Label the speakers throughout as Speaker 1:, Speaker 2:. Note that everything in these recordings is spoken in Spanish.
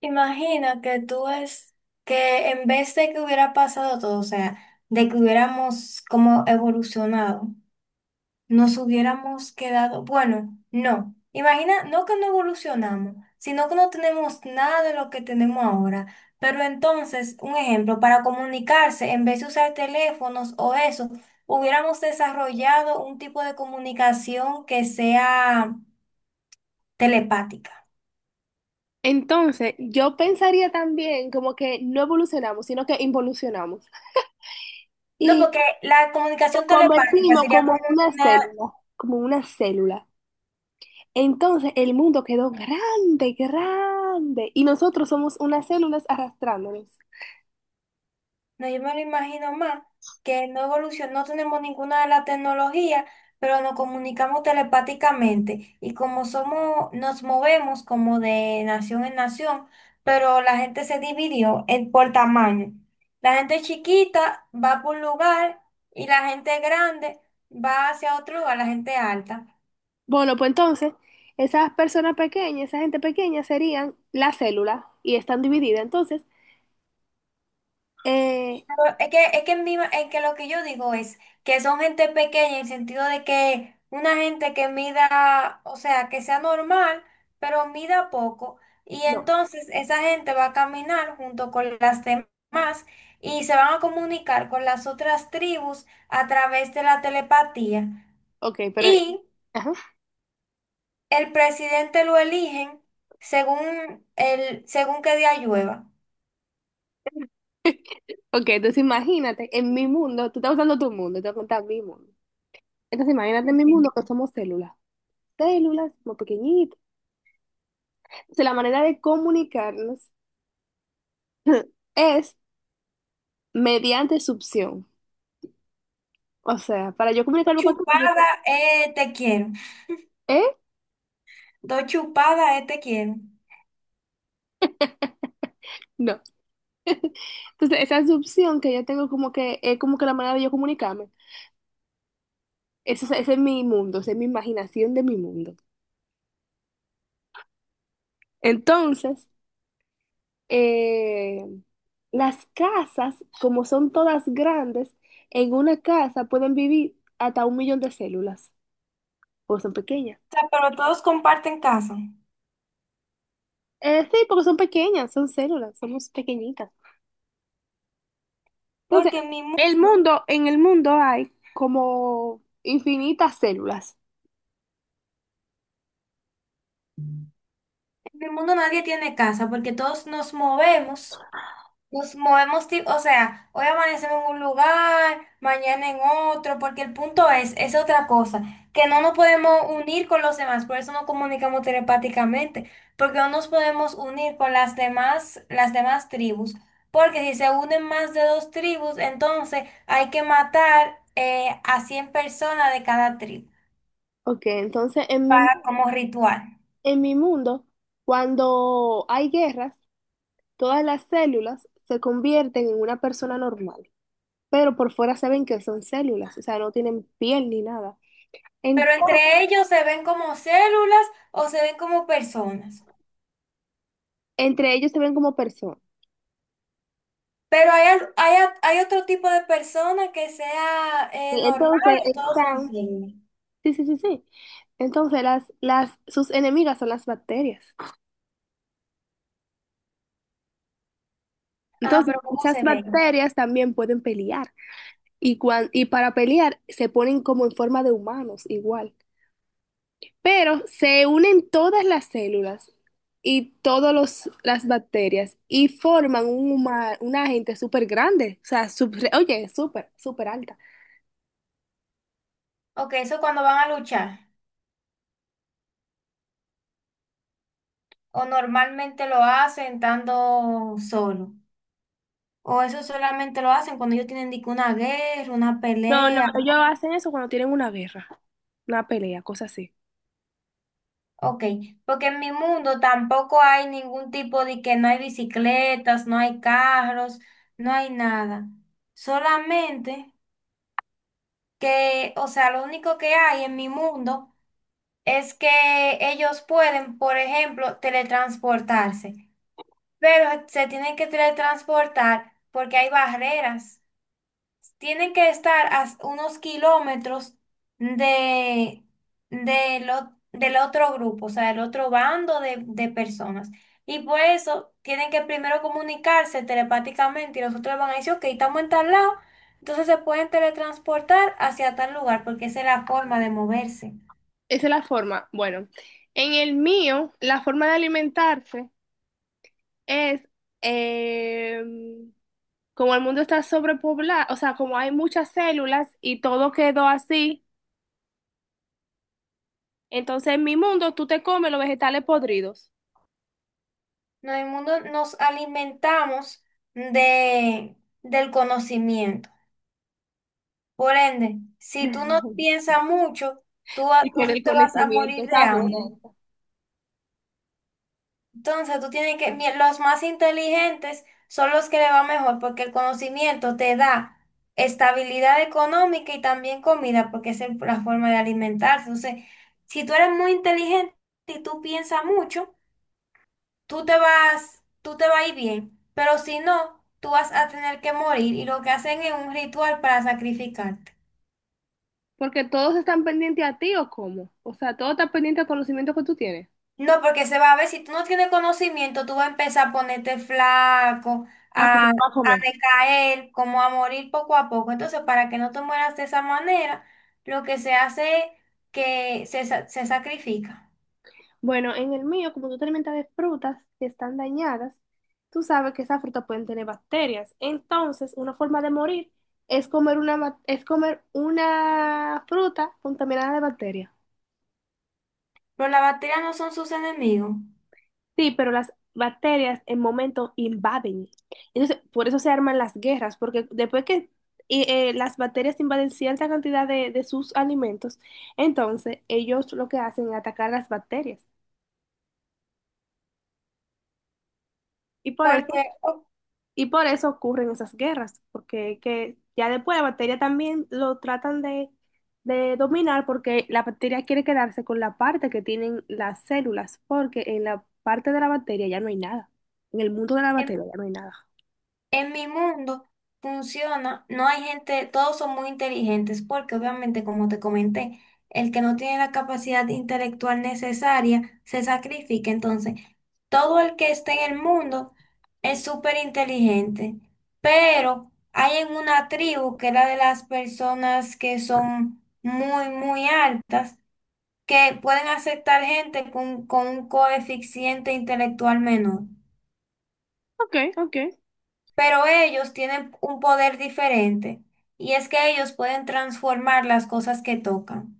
Speaker 1: Imagina que tú es que en vez de que hubiera pasado todo, o sea, de que hubiéramos como evolucionado, nos hubiéramos quedado, bueno, no. Imagina, no que no evolucionamos, sino que no tenemos nada de lo que tenemos ahora. Pero entonces, un ejemplo, para comunicarse, en vez de usar teléfonos o eso, hubiéramos desarrollado un tipo de comunicación que sea telepática.
Speaker 2: Entonces, yo pensaría también como que no evolucionamos, sino que involucionamos.
Speaker 1: No,
Speaker 2: Y
Speaker 1: porque la
Speaker 2: nos
Speaker 1: comunicación telepática
Speaker 2: convertimos
Speaker 1: sería
Speaker 2: como
Speaker 1: como
Speaker 2: en una
Speaker 1: una.
Speaker 2: célula, como una célula. Entonces, el mundo quedó grande, grande. Y nosotros somos unas células arrastrándonos.
Speaker 1: No, yo me lo imagino más, que no evolucionó, no tenemos ninguna de las tecnologías, pero nos comunicamos telepáticamente. Y como somos, nos movemos como de nación en nación, pero la gente se dividió en, por tamaño. La gente chiquita va por un lugar y la gente grande va hacia otro lugar, la gente alta.
Speaker 2: Bueno, pues entonces, esas personas pequeñas, esa gente pequeña serían la célula y están divididas. Entonces, eh,
Speaker 1: Es que lo que yo digo es que son gente pequeña en el sentido de que una gente que mida, o sea, que sea normal, pero mida poco. Y
Speaker 2: no.
Speaker 1: entonces esa gente va a caminar junto con las demás y se van a comunicar con las otras tribus a través de la telepatía.
Speaker 2: Ok, pero...
Speaker 1: Y
Speaker 2: ajá.
Speaker 1: el presidente lo eligen según, el, según qué día llueva.
Speaker 2: Ok, entonces imagínate, en mi mundo, tú estás usando tu mundo, te voy a contar mi mundo. Entonces, imagínate en mi
Speaker 1: Ok.
Speaker 2: mundo que somos células, células muy pequeñitas. Entonces, la manera de comunicarnos es mediante succión. O sea, para yo
Speaker 1: Dos
Speaker 2: comunicarme contigo, yo te...
Speaker 1: chupadas, te quiero.
Speaker 2: ¿Eh?
Speaker 1: Dos chupadas, te quiero.
Speaker 2: No. Entonces, esa succión que yo tengo como que es como que la manera de yo comunicarme. Eso, ese es mi mundo, esa es mi imaginación de mi mundo. Entonces, eh, las casas, como son todas grandes, en una casa pueden vivir hasta 1.000.000 de células, o son pequeñas.
Speaker 1: Sea, pero todos comparten casa.
Speaker 2: Sí, porque son pequeñas, son células, somos pequeñitas. Entonces,
Speaker 1: Porque
Speaker 2: el mundo, en el mundo hay como infinitas células.
Speaker 1: en mi mundo nadie tiene casa, porque todos nos movemos. Nos movemos, o sea, hoy amanecemos en un lugar, mañana en otro, porque el punto es otra cosa, que no nos podemos unir con los demás, por eso no comunicamos telepáticamente, porque no nos podemos unir con las demás tribus, porque si se unen más de dos tribus, entonces hay que matar a 100 personas de cada tribu
Speaker 2: Ok, entonces
Speaker 1: para como ritual.
Speaker 2: en mi mundo, cuando hay guerras, todas las células se convierten en una persona normal, pero por fuera se ven que son células, o sea, no tienen piel ni nada.
Speaker 1: Pero
Speaker 2: Ento-
Speaker 1: entre ellos se ven como células o se ven como personas.
Speaker 2: entre ellos se ven como personas.
Speaker 1: Pero hay, hay, hay otro tipo de persona que sea
Speaker 2: Y
Speaker 1: normal
Speaker 2: Entonces
Speaker 1: o todos son
Speaker 2: están,
Speaker 1: signos.
Speaker 2: sí, sí, sí, sí. Entonces sus enemigas son las bacterias.
Speaker 1: Ajá,
Speaker 2: Entonces,
Speaker 1: pero ¿cómo
Speaker 2: esas
Speaker 1: se ven?
Speaker 2: bacterias también pueden pelear y, y para pelear se ponen como en forma de humanos igual, pero se unen todas las células y todas las bacterias y forman un una gente súper grande, o sea, oye, súper, súper alta.
Speaker 1: Ok, eso cuando van a luchar. O normalmente lo hacen estando solo. O eso solamente lo hacen cuando ellos tienen dique, una guerra, una
Speaker 2: No, no,
Speaker 1: pelea.
Speaker 2: ellos hacen eso cuando tienen una guerra, una pelea, cosas así.
Speaker 1: Ok, porque en mi mundo tampoco hay ningún tipo de que no hay bicicletas, no hay carros, no hay nada. Solamente que, o sea, lo único que hay en mi mundo es que ellos pueden, por ejemplo, teletransportarse, pero se tienen que teletransportar porque hay barreras. Tienen que estar a unos kilómetros de, del otro grupo, o sea, del otro bando de personas. Y por eso tienen que primero comunicarse telepáticamente y los otros van a decir, ok, estamos en tal lado, entonces se pueden teletransportar hacia tal lugar, porque esa es la forma de moverse.
Speaker 2: Esa es la forma. Bueno, en el mío, la forma de alimentarse es... em, como el mundo está sobrepoblado, o sea, como hay muchas células y todo quedó así, entonces en mi mundo tú te comes los vegetales podridos.
Speaker 1: No, en el mundo nos alimentamos de, del conocimiento. Por ende, si tú no piensas mucho,
Speaker 2: Y
Speaker 1: tú
Speaker 2: con el
Speaker 1: te vas a
Speaker 2: conocimiento
Speaker 1: morir de
Speaker 2: está
Speaker 1: hambre.
Speaker 2: bueno.
Speaker 1: Entonces, tú tienes que, los más inteligentes son los que le va mejor, porque el conocimiento te da estabilidad económica y también comida, porque esa es la forma de alimentarse. Entonces, si tú eres muy inteligente y tú piensas mucho, tú te vas a ir bien, pero si no, tú vas a tener que morir y lo que hacen es un ritual para sacrificar.
Speaker 2: Porque todos están pendientes a ti o cómo. O sea, todo está pendiente al conocimiento que tú tienes.
Speaker 1: No, porque se va a ver, si tú no tienes conocimiento, tú vas a empezar a ponerte flaco,
Speaker 2: Ah, porque
Speaker 1: a,
Speaker 2: va a
Speaker 1: a
Speaker 2: comer.
Speaker 1: decaer, como a morir poco a poco. Entonces, para que no te mueras de esa manera, lo que se hace es que se sacrifica.
Speaker 2: Bueno, en el mío, como tú te alimentas de frutas que están dañadas, tú sabes que esas frutas pueden tener bacterias. Entonces, una forma de morir es comer una, es comer una fruta contaminada de bacterias.
Speaker 1: Pero las bacterias no son sus enemigos,
Speaker 2: Sí, pero las bacterias en momento invaden. Entonces, por eso se arman las guerras, porque después que las bacterias invaden cierta cantidad de sus alimentos, entonces ellos lo que hacen es atacar las bacterias. Y por
Speaker 1: porque
Speaker 2: eso,
Speaker 1: o-
Speaker 2: y por eso ocurren esas guerras, porque que ya después la bacteria también lo tratan de dominar, porque la bacteria quiere quedarse con la parte que tienen las células, porque en la parte de la bacteria ya no hay nada. En el mundo de la
Speaker 1: em,
Speaker 2: bacteria ya no hay nada.
Speaker 1: en mi mundo funciona, no hay gente, todos son muy inteligentes porque obviamente, como te comenté, el que no tiene la capacidad intelectual necesaria se sacrifica. Entonces, todo el que esté en el mundo es súper inteligente, pero hay en una tribu que era de las personas que son muy, muy altas, que pueden aceptar gente con un coeficiente intelectual menor.
Speaker 2: Ok, ok.
Speaker 1: Pero ellos tienen un poder diferente y es que ellos pueden transformar las cosas que tocan.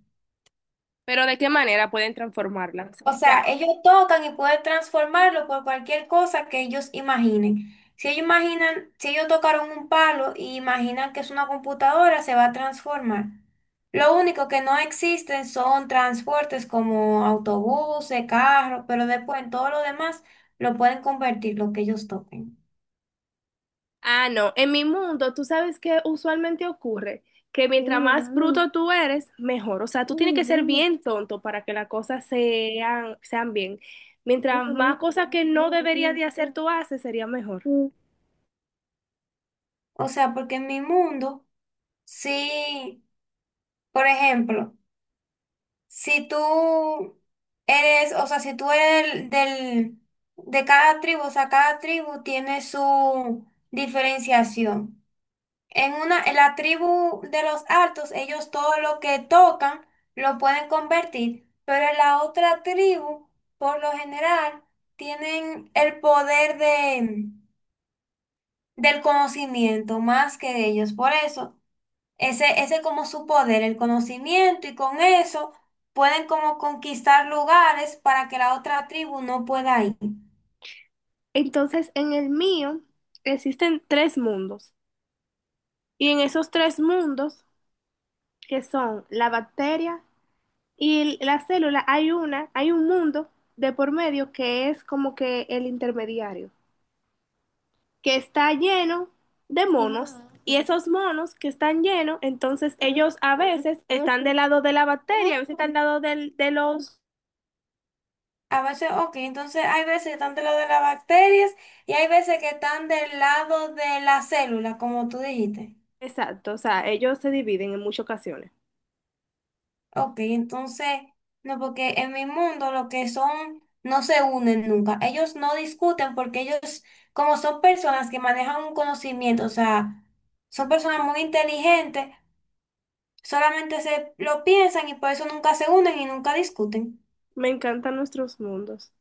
Speaker 2: Pero ¿de qué manera pueden transformarlas? O
Speaker 1: O
Speaker 2: sea,
Speaker 1: sea, ellos tocan y pueden transformarlo por cualquier cosa que ellos imaginen. Si ellos imaginan, si ellos tocaron un palo y imaginan que es una computadora, se va a transformar. Lo único que no existen son transportes como autobuses, carros, pero después en todo lo demás lo pueden convertir lo que ellos toquen.
Speaker 2: ah, no, en mi mundo, tú sabes que usualmente ocurre que mientras más bruto tú eres, mejor. O sea, tú tienes que ser bien tonto para que las cosas sean, sean bien. Mientras más cosas que no deberías de hacer tú haces, sería mejor.
Speaker 1: O sea, porque en mi mundo sí. Por ejemplo, si tú eres, o sea, si tú eres del, del- de cada tribu, o sea, cada tribu tiene su diferenciación. En una, en la tribu de los altos, ellos todo lo que tocan lo pueden convertir, pero en la otra tribu, por lo general, tienen el poder de, del conocimiento más que ellos. Por eso. Ese es como su poder, el conocimiento, y con eso pueden como conquistar lugares para que la otra tribu no pueda ir.
Speaker 2: Entonces, en el mío existen tres mundos. Y en esos tres mundos, que son la bacteria y la célula, hay una, hay un mundo de por medio que es como que el intermediario, que está lleno de monos, y esos monos que están llenos, entonces ellos a veces están del lado de la bacteria, a veces están del lado de los...
Speaker 1: A veces, ok, entonces hay veces que están del lado de las bacterias y hay veces que están del lado de la célula, como tú dijiste.
Speaker 2: Exacto, o sea, ellos se dividen en muchas ocasiones.
Speaker 1: Ok, entonces, no, porque en mi mundo lo que son no se unen nunca. Ellos no discuten porque ellos, como son personas que manejan un conocimiento, o sea, son personas muy inteligentes. Solamente se lo piensan y por eso nunca se unen y nunca discuten.
Speaker 2: Me encantan nuestros mundos.